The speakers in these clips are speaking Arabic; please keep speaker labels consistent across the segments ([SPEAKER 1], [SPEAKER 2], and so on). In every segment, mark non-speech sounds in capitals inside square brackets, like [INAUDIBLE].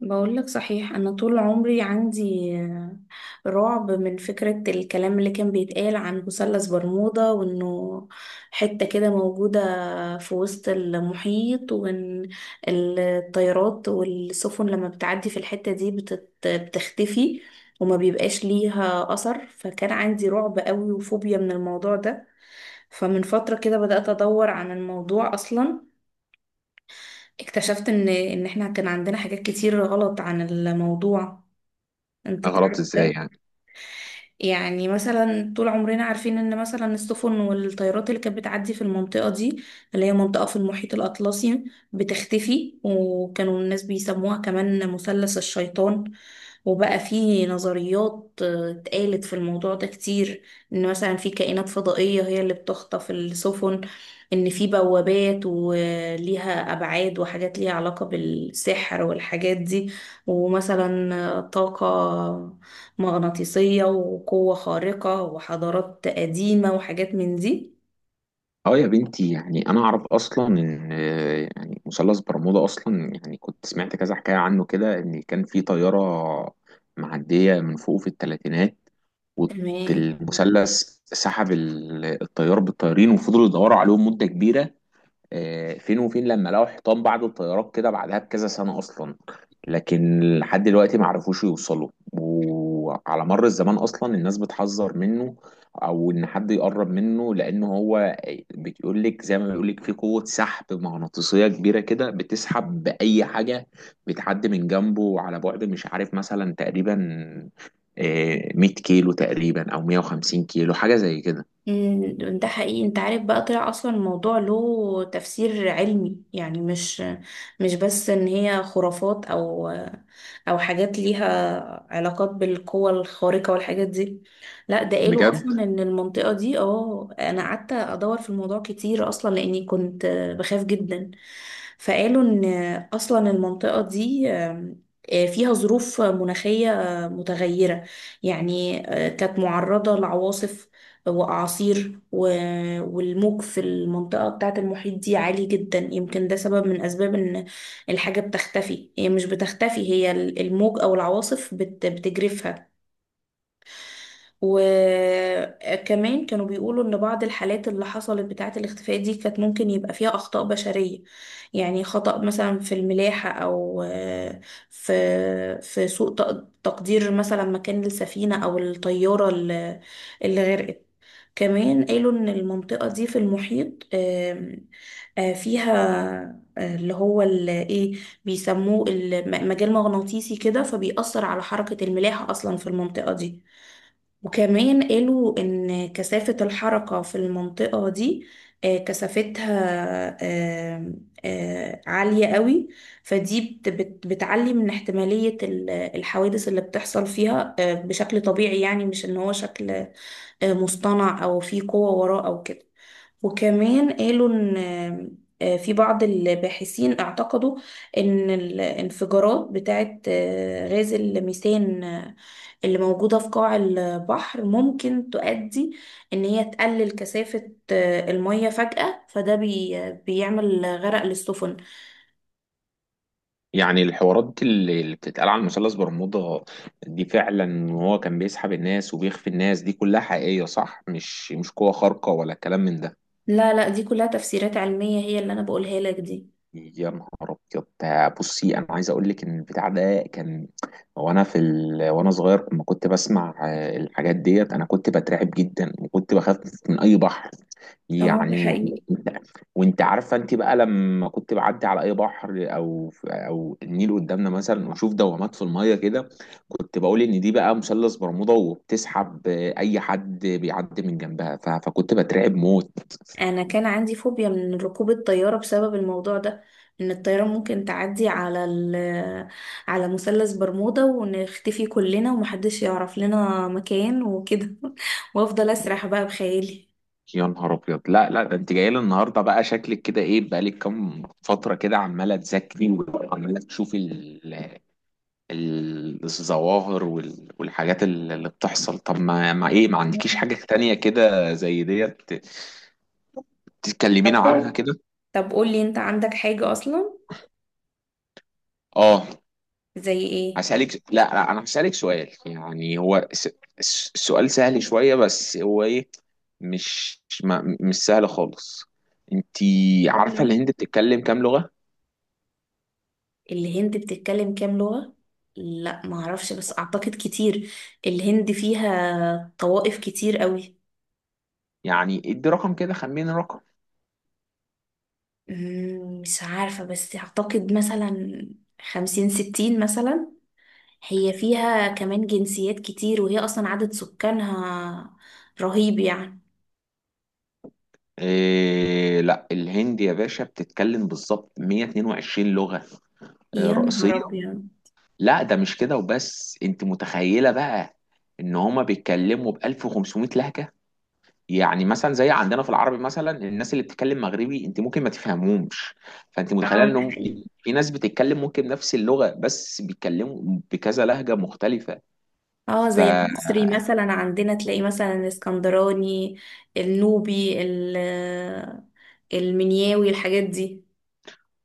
[SPEAKER 1] بقول لك صحيح، انا طول عمري عندي رعب من فكرة الكلام اللي كان بيتقال عن مثلث برمودا، وانه حتة كده موجودة في وسط المحيط، وان الطيارات والسفن لما بتعدي في الحتة دي بتختفي وما بيبقاش ليها اثر. فكان عندي رعب قوي وفوبيا من الموضوع ده. فمن فترة كده بدأت ادور عن الموضوع اصلا. اكتشفت ان احنا كان عندنا حاجات كتير غلط عن الموضوع. انت
[SPEAKER 2] غلط
[SPEAKER 1] تعرف
[SPEAKER 2] ازاي
[SPEAKER 1] ده؟
[SPEAKER 2] يعني؟
[SPEAKER 1] يعني مثلا طول عمرنا عارفين ان مثلا السفن والطيارات اللي كانت بتعدي في المنطقة دي، اللي هي منطقة في المحيط الأطلسي، بتختفي. وكانوا الناس بيسموها كمان مثلث الشيطان. وبقى في نظريات اتقالت في الموضوع ده كتير. ان مثلا في كائنات فضائية هي اللي بتخطف السفن، ان في بوابات وليها ابعاد وحاجات ليها علاقة بالسحر والحاجات دي، ومثلا طاقة مغناطيسية وقوة خارقة وحضارات قديمة وحاجات من دي.
[SPEAKER 2] اه يا بنتي، يعني انا اعرف اصلا ان يعني مثلث برمودا اصلا، يعني كنت سمعت كذا حكايه عنه كده ان كان في طياره معديه من فوق في الثلاثينات،
[SPEAKER 1] تمام.
[SPEAKER 2] والمثلث سحب الطيار بالطيارين، وفضلوا يدوروا عليهم مده كبيره. فين وفين لما لقوا حيطان بعض الطيارات كده بعدها بكذا سنة أصلا. لكن لحد دلوقتي ما عرفوش يوصلوا، وعلى مر الزمان أصلا الناس بتحذر منه أو إن حد يقرب منه، لأن هو بيقول لك، زي ما بيقول لك، في قوة سحب مغناطيسية كبيرة كده بتسحب بأي حاجة بتعدي من جنبه على بعد مش عارف مثلا تقريبا، 100 كيلو تقريبا أو 150 كيلو، حاجة زي كده.
[SPEAKER 1] ده حقيقي. انت عارف بقى طلع اصلا الموضوع له تفسير علمي، يعني مش بس ان هي خرافات او او حاجات ليها علاقات بالقوة الخارقة والحاجات دي. لا، ده قالوا
[SPEAKER 2] بجد؟
[SPEAKER 1] اصلا ان المنطقة دي انا قعدت ادور في الموضوع كتير اصلا لاني كنت بخاف جدا. فقالوا ان اصلا المنطقة دي فيها ظروف مناخية متغيرة. يعني كانت معرضة لعواصف واعاصير والموج في المنطقة بتاعة المحيط دي عالي جدا، يمكن ده سبب من اسباب ان الحاجة بتختفي. هي مش بتختفي، هي الموج او العواصف بتجرفها. وكمان كانوا بيقولوا ان بعض الحالات اللي حصلت بتاعة الاختفاء دي كانت ممكن يبقى فيها اخطاء بشرية. يعني خطأ مثلا في الملاحة، او في سوء تقدير مثلا مكان السفينة او الطيارة اللي غرقت. كمان قالوا ان المنطقة دي في المحيط فيها اللي هو ايه بيسموه مجال مغناطيسي كده، فبيأثر على حركة الملاحة اصلا في المنطقة دي. وكمان قالوا ان كثافة الحركة في المنطقة دي كثافتها آم، عالية قوي. فدي بتعلي من احتمالية الحوادث اللي بتحصل فيها بشكل طبيعي، يعني مش ان هو شكل مصطنع او في قوة وراه او كده. وكمان قالوا ان في بعض الباحثين اعتقدوا ان الانفجارات بتاعت غاز الميثان اللي موجودة في قاع البحر ممكن تؤدي ان هي تقلل كثافة المية فجأة، فده بيعمل غرق للسفن.
[SPEAKER 2] يعني الحوارات اللي بتتقال على مثلث برمودا دي فعلا، وهو كان بيسحب الناس وبيخفي الناس، دي كلها حقيقية صح؟ مش قوة خارقة ولا كلام من ده؟
[SPEAKER 1] لا لا، دي كلها تفسيرات علمية هي اللي انا بقولها لك دي.
[SPEAKER 2] يا نهار ابيض! ده بصي، انا عايز اقول لك ان البتاع ده كان، وانا صغير لما كنت بسمع، الحاجات ديت انا كنت بترعب جدا، وكنت بخاف من اي بحر،
[SPEAKER 1] اه ده
[SPEAKER 2] يعني و-
[SPEAKER 1] حقيقي.
[SPEAKER 2] وانت، وانت عارفه انت بقى، لما كنت بعدي على اي بحر او او النيل قدامنا مثلا واشوف دوامات في الميه كده، كنت بقول ان دي بقى مثلث برمودا وبتسحب اي حد بيعدي من جنبها، فكنت بترعب موت.
[SPEAKER 1] انا كان عندي فوبيا من ركوب الطياره بسبب الموضوع ده، ان الطياره ممكن تعدي على مثلث برمودا ونختفي كلنا ومحدش يعرف لنا مكان وكده [LAUGHS] وافضل اسرح بقى بخيالي.
[SPEAKER 2] يا نهار ابيض! لا، ده انت جاي لي النهارده بقى شكلك كده ايه؟ بقالك كام فتره كده عماله تذاكري وعماله تشوفي الظواهر والحاجات اللي بتحصل. طب ما ما ايه، ما عندكيش
[SPEAKER 1] مم.
[SPEAKER 2] حاجه تانية كده زي ديت تتكلمينا
[SPEAKER 1] طب،
[SPEAKER 2] عنها كده؟
[SPEAKER 1] طب قولي انت عندك حاجه اصلا،
[SPEAKER 2] اه.
[SPEAKER 1] زي ايه؟
[SPEAKER 2] هسألك، لا، انا هسألك سؤال، يعني هو السؤال سهل شوية، بس هو ايه، مش ما... مش سهل خالص. انتي عارفة
[SPEAKER 1] سهلة.
[SPEAKER 2] الهند بتتكلم كام لغة؟
[SPEAKER 1] الهند بتتكلم كام لغه؟ لا، معرفش، بس اعتقد كتير. الهند فيها طوائف كتير قوي.
[SPEAKER 2] يعني ادي رقم كده، خمن رقم.
[SPEAKER 1] مش عارفة، بس أعتقد مثلا 50 60 مثلا. هي فيها كمان جنسيات كتير، وهي أصلا عدد سكانها رهيب يعني.
[SPEAKER 2] إيه؟ لا، الهند يا باشا بتتكلم بالظبط 122 لغة
[SPEAKER 1] يا نهار
[SPEAKER 2] رئيسية.
[SPEAKER 1] أبيض!
[SPEAKER 2] لا ده مش كده وبس، انت متخيلة بقى ان هما بيتكلموا ب 1500 لهجة؟ يعني مثلا زي عندنا في العربي، مثلا الناس اللي بتتكلم مغربي انت ممكن ما تفهمهمش. فانت متخيلة
[SPEAKER 1] اه
[SPEAKER 2] ان
[SPEAKER 1] ده
[SPEAKER 2] هم
[SPEAKER 1] حقيقي.
[SPEAKER 2] في ناس بتتكلم ممكن نفس اللغة بس بيتكلموا بكذا لهجة مختلفة.
[SPEAKER 1] اه زي المصري مثلا، عندنا تلاقي مثلا الاسكندراني، النوبي، المنياوي، الحاجات دي.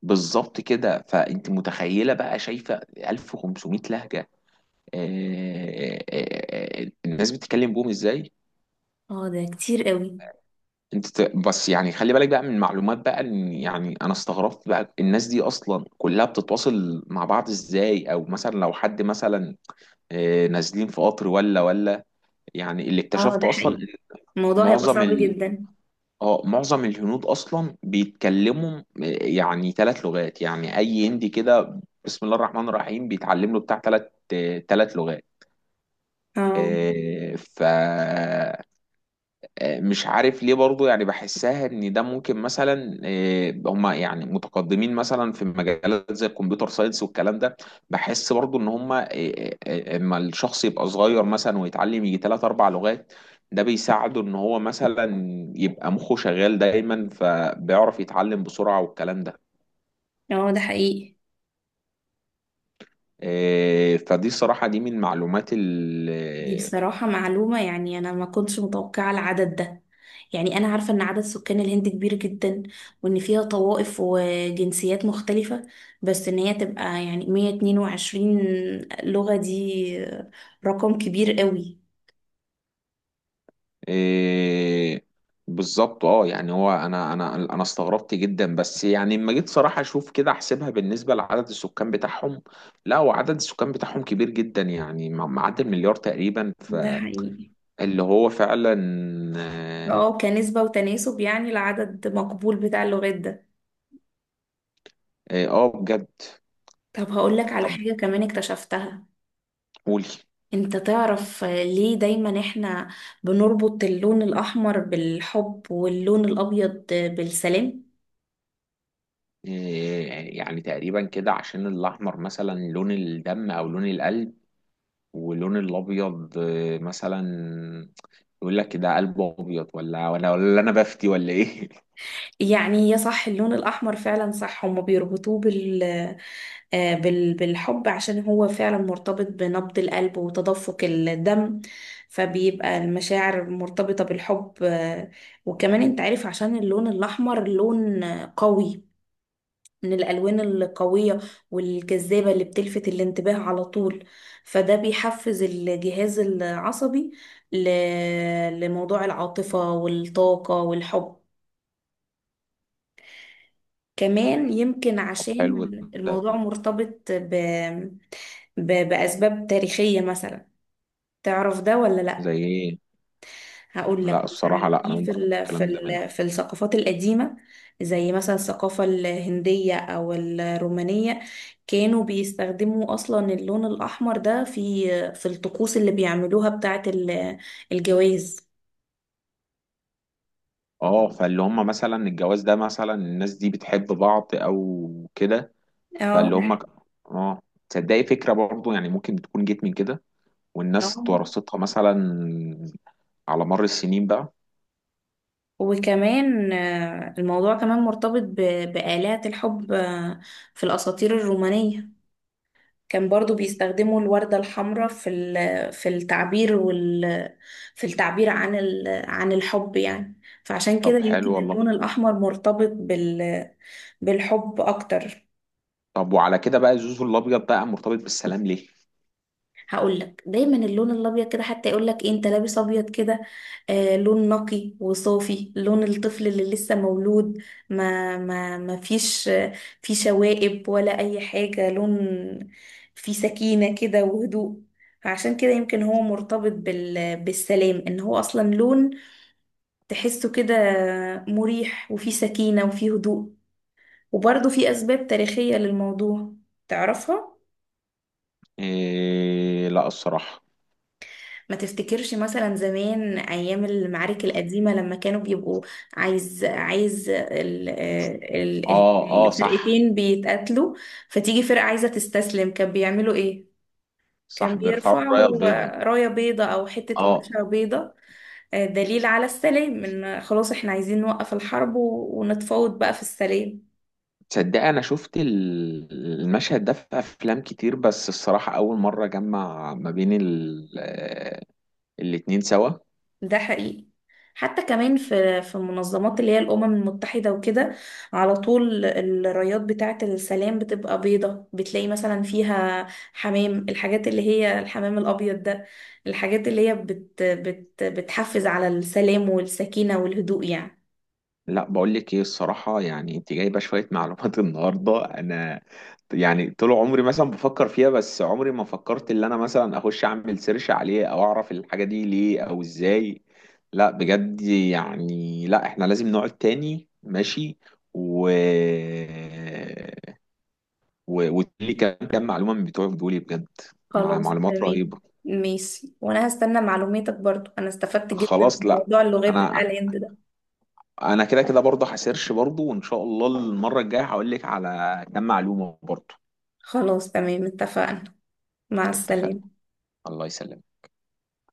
[SPEAKER 2] فبالظبط كده. فانت متخيلة بقى، شايفة 1500 لهجة، آه، آه، آه، الناس بتتكلم بهم ازاي؟
[SPEAKER 1] اه ده كتير قوي.
[SPEAKER 2] بس يعني خلي بالك بقى من معلومات بقى، ان يعني انا استغربت بقى الناس دي اصلا كلها بتتواصل مع بعض ازاي، او مثلا لو حد مثلا نازلين في قطر ولا، يعني اللي
[SPEAKER 1] اه ده
[SPEAKER 2] اكتشفته اصلا
[SPEAKER 1] حقيقي.
[SPEAKER 2] إن
[SPEAKER 1] الموضوع هيبقى
[SPEAKER 2] معظم
[SPEAKER 1] صعب
[SPEAKER 2] ال...
[SPEAKER 1] جدا.
[SPEAKER 2] اه معظم الهنود اصلا بيتكلموا، يعني ثلاث لغات. يعني اي هندي كده بسم الله الرحمن الرحيم بيتعلم له بتاع ثلاث، ثلاث لغات.
[SPEAKER 1] اه
[SPEAKER 2] آه، ف آه، مش عارف ليه برضو، يعني بحسها ان ده ممكن، مثلا هم يعني متقدمين مثلا في مجالات زي الكمبيوتر ساينس والكلام ده. بحس برضو ان هم، اما الشخص يبقى صغير مثلا ويتعلم يجي ثلاث اربع لغات، ده بيساعده ان هو مثلا يبقى مخه شغال دايما، فبيعرف يتعلم بسرعة والكلام ده.
[SPEAKER 1] اه ده حقيقي.
[SPEAKER 2] فدي الصراحة دي من المعلومات
[SPEAKER 1] دي بصراحة معلومة، يعني أنا ما كنتش متوقعة العدد ده. يعني أنا عارفة إن عدد سكان الهند كبير جدا، وإن فيها طوائف وجنسيات مختلفة، بس إن هي تبقى يعني 122 لغة، دي رقم كبير قوي.
[SPEAKER 2] إيه. بالظبط. اه يعني هو، انا استغربت جدا، بس يعني لما جيت صراحه اشوف كده احسبها بالنسبه لعدد السكان بتاعهم، لا هو عدد السكان بتاعهم كبير جدا يعني، معدي المليار تقريبا،
[SPEAKER 1] ده
[SPEAKER 2] فاللي
[SPEAKER 1] حقيقي.
[SPEAKER 2] هو فعلا اه.
[SPEAKER 1] اه كنسبة وتناسب يعني العدد مقبول بتاع اللغات ده.
[SPEAKER 2] بجد؟
[SPEAKER 1] طب هقولك على
[SPEAKER 2] طب
[SPEAKER 1] حاجة كمان اكتشفتها.
[SPEAKER 2] قولي.
[SPEAKER 1] انت تعرف ليه دايما احنا بنربط اللون الاحمر بالحب واللون الابيض بالسلام؟
[SPEAKER 2] إيه؟ يعني تقريبا كده عشان الاحمر مثلا لون الدم او لون القلب، واللون الابيض مثلا يقول لك ده قلبه ابيض، ولا، انا بفتي ولا ايه؟
[SPEAKER 1] يعني يا صح، اللون الاحمر فعلا صح هما بيربطوه بالحب عشان هو فعلا مرتبط بنبض القلب وتدفق الدم، فبيبقى المشاعر مرتبطة بالحب. وكمان انت عارف عشان اللون الاحمر لون قوي، من الألوان القوية والجذابة اللي بتلفت الانتباه على طول. فده بيحفز الجهاز العصبي ل... لموضوع العاطفة والطاقة والحب. كمان يمكن
[SPEAKER 2] [LAUGHS] طب حلو
[SPEAKER 1] عشان
[SPEAKER 2] ده.
[SPEAKER 1] الموضوع مرتبط بأسباب تاريخية مثلا. تعرف ده ولا؟
[SPEAKER 2] زي ايه؟
[SPEAKER 1] هقول لك.
[SPEAKER 2] لا الصراحه،
[SPEAKER 1] مثلا
[SPEAKER 2] لا انا
[SPEAKER 1] في
[SPEAKER 2] اول مره
[SPEAKER 1] في
[SPEAKER 2] أسمع
[SPEAKER 1] ال في
[SPEAKER 2] الكلام ده منك.
[SPEAKER 1] ال في الثقافات القديمة، زي مثلا الثقافة الهندية أو الرومانية، كانوا بيستخدموا أصلا اللون الأحمر ده في الطقوس اللي بيعملوها بتاعة الجواز.
[SPEAKER 2] اه، فاللي هم مثلا الجواز ده مثلا الناس دي بتحب بعض او كده،
[SPEAKER 1] اه
[SPEAKER 2] فاللي
[SPEAKER 1] ده
[SPEAKER 2] هم
[SPEAKER 1] حقيقي.
[SPEAKER 2] ك- اه. تصدقي فكره، برضو يعني ممكن تكون جيت من كده،
[SPEAKER 1] آه.
[SPEAKER 2] والناس ورثتها مثلا على مر السنين بقى.
[SPEAKER 1] وكمان الموضوع كمان مرتبط بآلات الحب في الأساطير الرومانية. كان برضو بيستخدموا الوردة الحمراء في التعبير عن الحب. يعني فعشان كده
[SPEAKER 2] طب
[SPEAKER 1] يمكن
[SPEAKER 2] حلو
[SPEAKER 1] اللون
[SPEAKER 2] والله.
[SPEAKER 1] الأحمر مرتبط بالحب أكتر.
[SPEAKER 2] طب وعلى كده بقى الزوز الابيض بقى مرتبط بالسلام ليه؟
[SPEAKER 1] هقول لك. دايما اللون الابيض كده، حتى يقول لك إيه انت لابس ابيض كده، آه لون نقي وصافي، لون الطفل اللي لسه مولود. ما فيش في شوائب ولا اي حاجه، لون فيه سكينه كده وهدوء. فعشان كده يمكن هو مرتبط بالسلام، ان هو اصلا لون تحسه كده مريح وفيه سكينه وفيه هدوء. وبرضه في اسباب تاريخيه للموضوع، تعرفها؟
[SPEAKER 2] إيه؟ لا الصراحه.
[SPEAKER 1] ما تفتكرش مثلا زمان ايام المعارك القديمه، لما كانوا بيبقوا عايز عايز ال ال ال-
[SPEAKER 2] اه اه صح.
[SPEAKER 1] الفرقتين بيتقاتلوا، فتيجي فرقه عايزه تستسلم كان بيعملوا ايه؟ كان
[SPEAKER 2] صح، بيرفعوا الرايه
[SPEAKER 1] بيرفعوا
[SPEAKER 2] البيضاء.
[SPEAKER 1] رايه بيضه او حته
[SPEAKER 2] اه.
[SPEAKER 1] قماشه بيضه، دليل على السلام، ان خلاص احنا عايزين نوقف الحرب ونتفاوض بقى في السلام.
[SPEAKER 2] تصدق انا شفت المشهد ده في افلام كتير، بس الصراحه اول مره جمع ما بين الاتنين سوا.
[SPEAKER 1] ده حقيقي. حتى كمان في المنظمات اللي هي الأمم المتحدة وكده، على طول الرايات بتاعة السلام بتبقى بيضة، بتلاقي مثلا فيها حمام، الحاجات اللي هي الحمام الأبيض ده، الحاجات اللي هي بت بت بتحفز على السلام والسكينة والهدوء يعني.
[SPEAKER 2] لا بقول لك ايه الصراحه، يعني انت جايبه شويه معلومات [LAUGHS] النهارده انا يعني طول عمري مثلا بفكر فيها، بس عمري ما فكرت ان انا مثلا اخش اعمل سيرش عليه او اعرف الحاجه دي ليه او ازاي. لا بجد يعني، لا احنا لازم نقعد تاني، ماشي؟ و وتقولي كام، كام معلومه من بتوعك دول بجد.
[SPEAKER 1] خلاص
[SPEAKER 2] معلومات
[SPEAKER 1] تمام.
[SPEAKER 2] رهيبه.
[SPEAKER 1] ماشي، وأنا هستنى معلوماتك برضو، أنا استفدت جدا
[SPEAKER 2] خلاص،
[SPEAKER 1] من
[SPEAKER 2] لا
[SPEAKER 1] موضوع اللغات بتاع
[SPEAKER 2] انا،
[SPEAKER 1] الهند ده.
[SPEAKER 2] انا كده برضه هسيرش برضه، وان شاء الله المره الجايه هقول لك على كام معلومه برضه.
[SPEAKER 1] خلاص تمام، اتفقنا. مع
[SPEAKER 2] اتفقنا.
[SPEAKER 1] السلامة.
[SPEAKER 2] الله يسلمك.